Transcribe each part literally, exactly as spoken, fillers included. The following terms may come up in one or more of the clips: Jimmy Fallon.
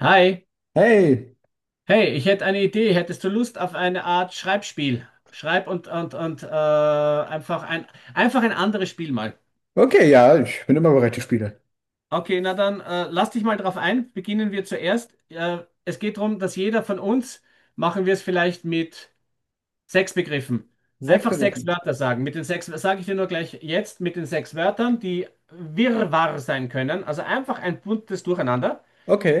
Hi, Hey, hey, ich hätte eine Idee. Hättest du Lust auf eine Art Schreibspiel? Schreib und und und äh, einfach ein einfach ein anderes Spiel mal. okay, ja, ich bin immer bereit für Spiele. Okay, na dann äh, lass dich mal drauf ein. Beginnen wir zuerst. Äh, es geht darum, dass jeder von uns, machen wir es vielleicht mit sechs Begriffen. Sechs Einfach sechs begriffen. Wörter sagen. Mit den sechs sage ich dir nur gleich jetzt, mit den sechs Wörtern, die Wirrwarr sein können. Also einfach ein buntes Durcheinander.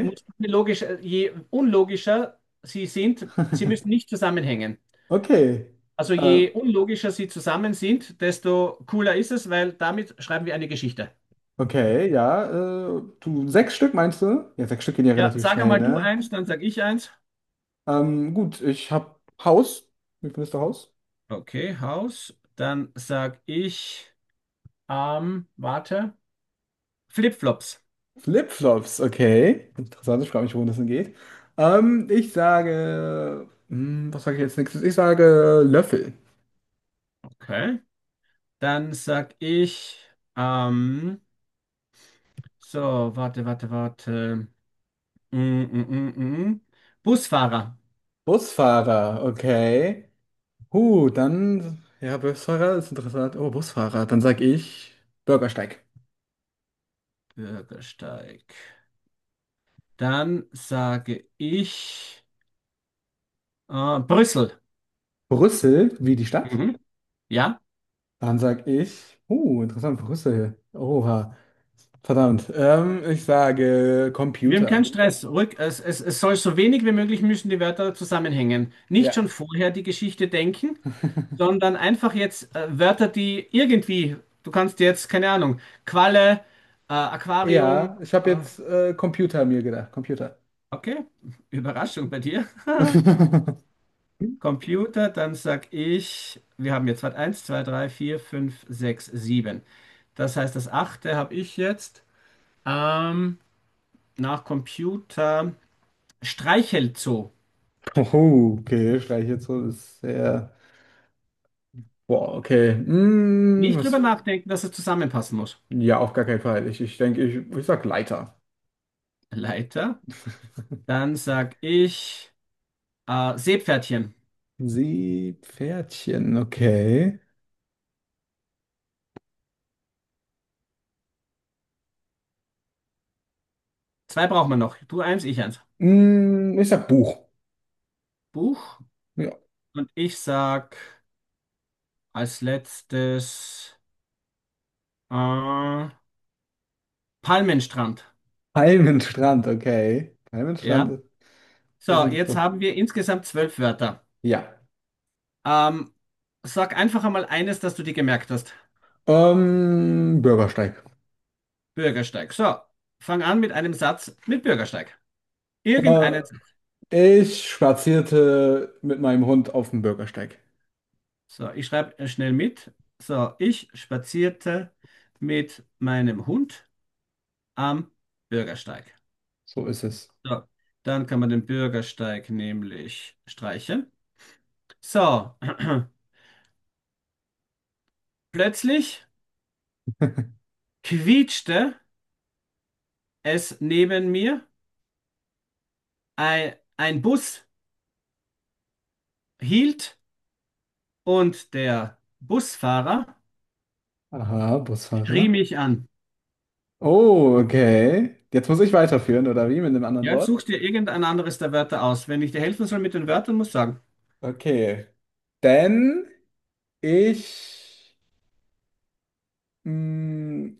Muss logisch, äh, je unlogischer sie sind, sie müssen nicht zusammenhängen. Okay. Also Äh, je unlogischer sie zusammen sind, desto cooler ist es, weil damit schreiben wir eine Geschichte. okay, ja. Äh, du, sechs Stück meinst du? Ja, sechs Stück gehen ja Ja, relativ sag schnell, einmal du ne? eins, dann sag ich eins. Ähm, gut, ich hab Haus. Wie findest du Haus? Okay, Haus. Dann sag ich, ähm, warte, Flipflops. Flipflops, okay. Interessant, ich frage mich, worum das denn geht. Ähm, ich sage. Hm, was sage ich jetzt nächstes? Ich sage Löffel. Okay. Dann sag ich, ähm, so, warte, warte, warte. Mm, mm, mm, mm. mm. Busfahrer. Busfahrer, okay. Uh, dann, ja, Busfahrer ist interessant. Oh, Busfahrer. Dann sag ich Bürgersteig. Bürgersteig. Dann sage ich, äh, Brüssel. Brüssel, wie die Stadt? Mhm. Ja. Dann sag ich, uh, interessant, Brüssel. Oha, verdammt. Ähm, ich sage Wir haben keinen Computer. Stress. Ruhig, es, es, es soll so wenig wie möglich, müssen die Wörter zusammenhängen. Nicht Ja. schon vorher die Geschichte denken, sondern einfach jetzt äh, Wörter, die irgendwie, du kannst jetzt, keine Ahnung, Qualle, äh, Aquarium, Ja, ich habe äh, jetzt äh, Computer mir gedacht. Computer. okay, Überraschung bei dir. Computer, dann sag ich, wir haben jetzt, warte, eins, zwei, drei, vier, fünf, sechs, sieben. Das heißt, das achte habe ich jetzt. Ähm, nach Computer, Streichelzoo. Oh, okay, streiche jetzt so, ist sehr. Boah, okay. Mm, Nicht drüber was? nachdenken, dass es zusammenpassen muss. Ja, auf gar keinen Fall. Ich, ich denke, ich, ich sag Leiter. Leiter. Dann sag ich äh, Seepferdchen. Seepferdchen, okay. Zwei brauchen wir noch. Du eins, ich eins. Mm, ich sag Buch. Buch. Ja. Und ich sag als letztes äh, Palmenstrand. Palmenstrand, okay. Ja. Palmenstrand, das ist So, jetzt interessant. haben wir insgesamt zwölf Wörter. Ja. Ähm, sag einfach einmal eines, das du dir gemerkt hast. Ähm, Bürgersteig. Bürgersteig. So, fang an mit einem Satz mit Bürgersteig. Äh, Irgendeinen. Ich spazierte mit meinem Hund auf dem Bürgersteig. So, ich schreibe äh, schnell mit. So, ich spazierte mit meinem Hund am Bürgersteig. So ist es. So, dann kann man den Bürgersteig nämlich streichen. So, plötzlich quietschte es neben mir. Ein, ein Bus hielt und der Busfahrer Aha, Busfahrer. schrie mich an. Oh, okay. Jetzt muss ich weiterführen, oder wie? Mit einem anderen Ja, jetzt Wort? such dir irgendein anderes der Wörter aus. Wenn ich dir helfen soll mit den Wörtern, muss ich sagen. Okay. Denn ich. mm,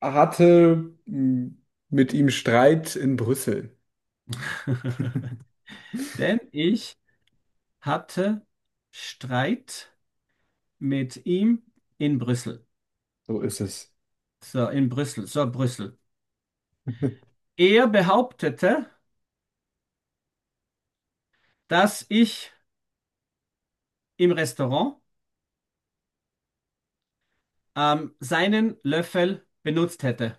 Hatte mh, mit ihm Streit in Brüssel. Denn ich hatte Streit mit ihm in Brüssel. So ist es. So, in Brüssel, so Brüssel. Er behauptete, dass ich im Restaurant ähm, seinen Löffel benutzt hätte.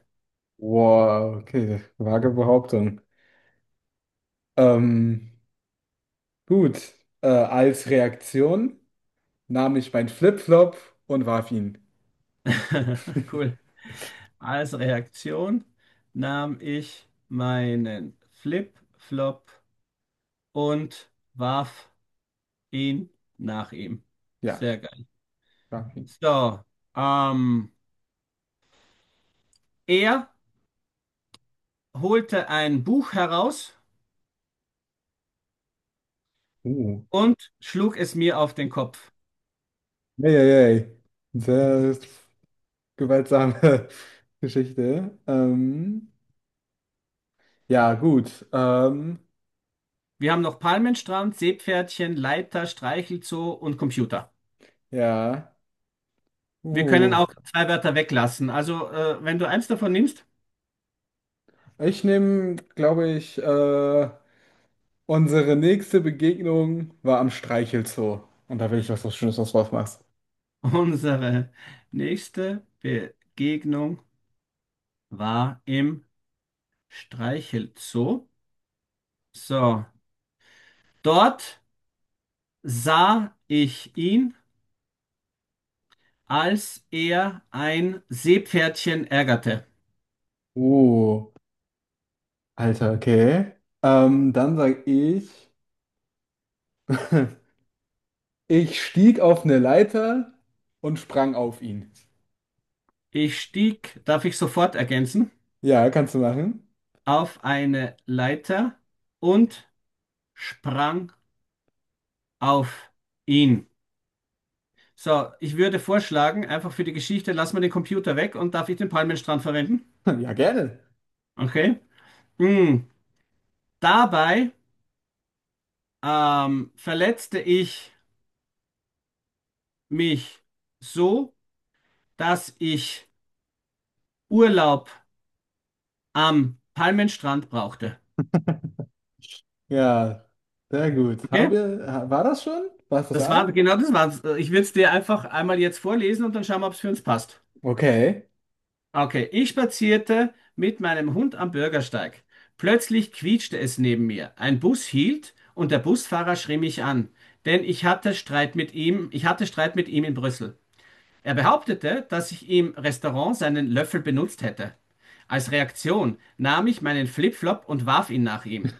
Wow, okay, vage Behauptung. Ähm, gut, äh, als Reaktion nahm ich mein Flipflop und warf ihn. Cool. Als Reaktion nahm ich meinen Flip-Flop und warf ihn nach ihm. Ja, Sehr geil. warf ihn. So, ähm, er holte ein Buch heraus Uh, und schlug es mir auf den Kopf. ey, ey, ey. Sehr gewaltsame Geschichte. Ähm, ja, gut. Ähm, Wir haben noch Palmenstrand, Seepferdchen, Leiter, Streichelzoo und Computer. Ja, Wir können uh, auch zwei Wörter weglassen. Also, äh, wenn du eins davon nimmst, ich nehme, glaube ich, äh, unsere nächste Begegnung war am Streichelzoo. Und da will ich, dass du was Schönes was draus machst. unsere nächste Begegnung war im Streichelzoo. So, dort sah ich ihn, als er ein Seepferdchen ärgerte. Uh, Alter, okay. Ähm, dann sag ich, ich stieg auf eine Leiter und sprang auf ihn. Ich stieg, darf ich sofort ergänzen, Ja, kannst du machen? auf eine Leiter und sprang auf ihn. So, ich würde vorschlagen, einfach für die Geschichte, lass mal den Computer weg, und darf ich den Palmenstrand verwenden? Ja, gerne. Okay. Mm. Dabei ähm, verletzte ich mich so, dass ich Urlaub am Palmenstrand brauchte. Ja, sehr gut. Haben Okay? wir, war das schon? War es das Das all? war genau, das war's. Ich würde es dir einfach einmal jetzt vorlesen und dann schauen wir, ob es für uns passt. Okay. Okay, ich spazierte mit meinem Hund am Bürgersteig. Plötzlich quietschte es neben mir. Ein Bus hielt und der Busfahrer schrie mich an, denn ich hatte Streit mit ihm, ich hatte Streit mit ihm in Brüssel. Er behauptete, dass ich im Restaurant seinen Löffel benutzt hätte. Als Reaktion nahm ich meinen Flipflop und warf ihn nach ihm.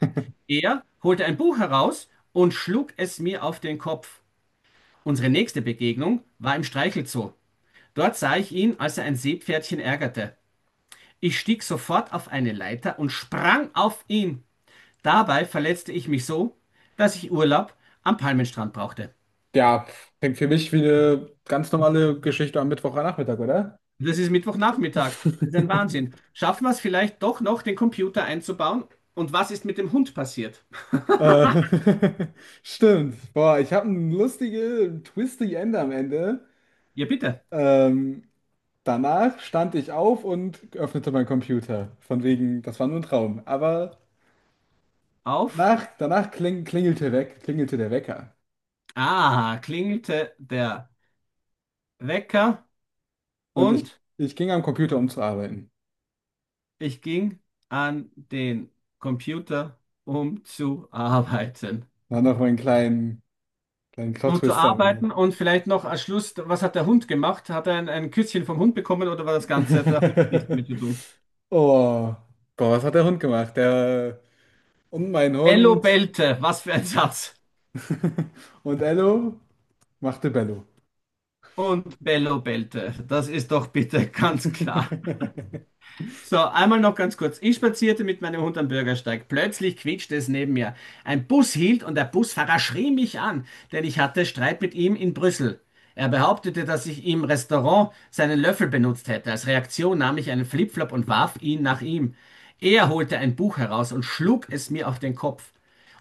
Er holte ein Buch heraus und schlug es mir auf den Kopf. Unsere nächste Begegnung war im Streichelzoo. Dort sah ich ihn, als er ein Seepferdchen ärgerte. Ich stieg sofort auf eine Leiter und sprang auf ihn. Dabei verletzte ich mich so, dass ich Urlaub am Palmenstrand brauchte. Ja, klingt für mich wie eine ganz normale Geschichte am Mittwochnachmittag, oder? Das ist Mittwochnachmittag. Das ist ein Wahnsinn. Schaffen wir es vielleicht doch noch, den Computer einzubauen? Und was ist mit dem Hund passiert? Äh, stimmt. Boah, ich habe einen lustigen, Twisty End am Ende. Ja, bitte. Ähm, Danach stand ich auf und öffnete meinen Computer. Von wegen, das war nur ein Traum. Aber Auf. danach, danach kling, klingelte weg, klingelte der Wecker. Ah, klingelte der Wecker Und ich, und ich ging am Computer, um zu arbeiten. ich ging an den Computer, um zu arbeiten. Dann noch meinen kleinen, kleinen Um zu Plot-Twist am Ende. arbeiten und vielleicht noch als Schluss, was hat der Hund gemacht? Hat er ein, ein Küsschen vom Hund bekommen, oder war das Ganze? Der Hund hat nichts mit zu tun. Oh, boah, was hat der Hund gemacht? Der und mein Bello Hund bellte, was für ein Satz. und Ello machte Bello. Und Bello bellte, das ist doch bitte ganz klar. So, einmal noch ganz kurz. Ich spazierte mit meinem Hund am Bürgersteig. Plötzlich quietschte es neben mir. Ein Bus hielt und der Busfahrer schrie mich an, denn ich hatte Streit mit ihm in Brüssel. Er behauptete, dass ich im Restaurant seinen Löffel benutzt hätte. Als Reaktion nahm ich einen Flipflop und warf ihn nach ihm. Er holte ein Buch heraus und schlug es mir auf den Kopf.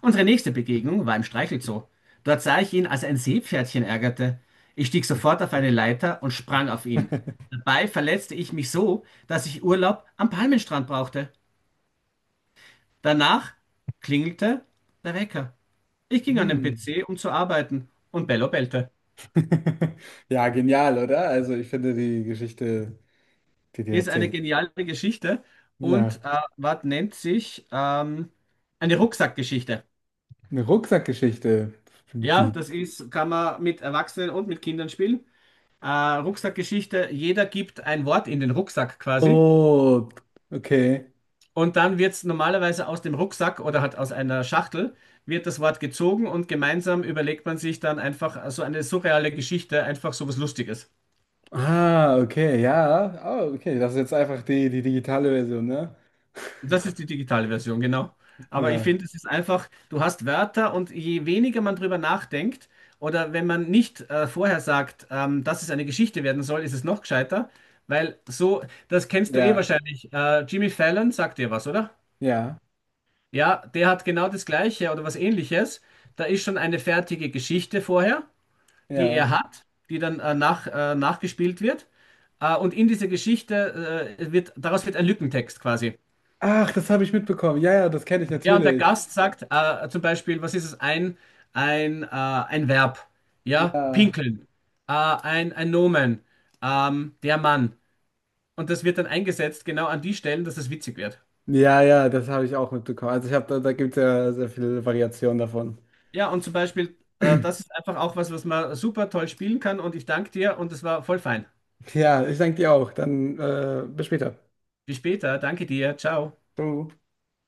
Unsere nächste Begegnung war im Streichelzoo. Dort sah ich ihn, als ein Seepferdchen ärgerte. Ich stieg sofort auf eine Leiter und sprang auf ihn. Dabei verletzte ich mich so, dass ich Urlaub am Palmenstrand brauchte. Danach klingelte der Wecker. Ich ging an den Hm. P C, um zu arbeiten, und Bello bellte. Ja, genial, oder? Also ich finde die Geschichte, die die Ist eine erzählen. geniale Geschichte Ja, und äh, was nennt sich ähm, eine Rucksackgeschichte. eine Rucksackgeschichte. Ja, Wie? das ist, kann man mit Erwachsenen und mit Kindern spielen. Äh, Rucksackgeschichte, jeder gibt ein Wort in den Rucksack quasi. Oh, okay. Und dann wird es normalerweise aus dem Rucksack oder halt aus einer Schachtel, wird das Wort gezogen und gemeinsam überlegt man sich dann einfach so eine surreale Geschichte, einfach so was Lustiges. Ah, okay, ja. Oh, okay, das ist jetzt einfach die, die digitale Version, ne? Und das ist die digitale Version, genau. Aber ich Ja, finde, es ist einfach, du hast Wörter und je weniger man drüber nachdenkt oder wenn man nicht äh, vorher sagt, ähm, dass es eine Geschichte werden soll, ist es noch gescheiter, weil so, das kennst du eh ja, wahrscheinlich. Äh, Jimmy Fallon sagt dir was, oder? ja. Ja, der hat genau das Gleiche oder was Ähnliches. Da ist schon eine fertige Geschichte vorher, die Ja. er hat, die dann äh, nach, äh, nachgespielt wird. Äh, und in dieser Geschichte äh, wird, daraus wird ein Lückentext quasi. Ach, das habe ich mitbekommen. Ja, ja, das kenne ich Ja, und der natürlich. Gast sagt äh, zum Beispiel, was ist es? Ein, ein, äh, ein Verb. Ja, Ja. pinkeln. Äh, ein, ein Nomen. Ähm, der Mann. Und das wird dann eingesetzt genau an die Stellen, dass es witzig wird. Ja, ja, das habe ich auch mitbekommen. Also ich habe da, da gibt es ja sehr viele Variationen davon. Ja, und zum Beispiel, äh, das ist einfach auch was, was man super toll spielen kann. Und ich danke dir und es war voll fein. Ja, ich danke dir auch. Dann äh, bis später. Bis später. Danke dir. Ciao. Ciao.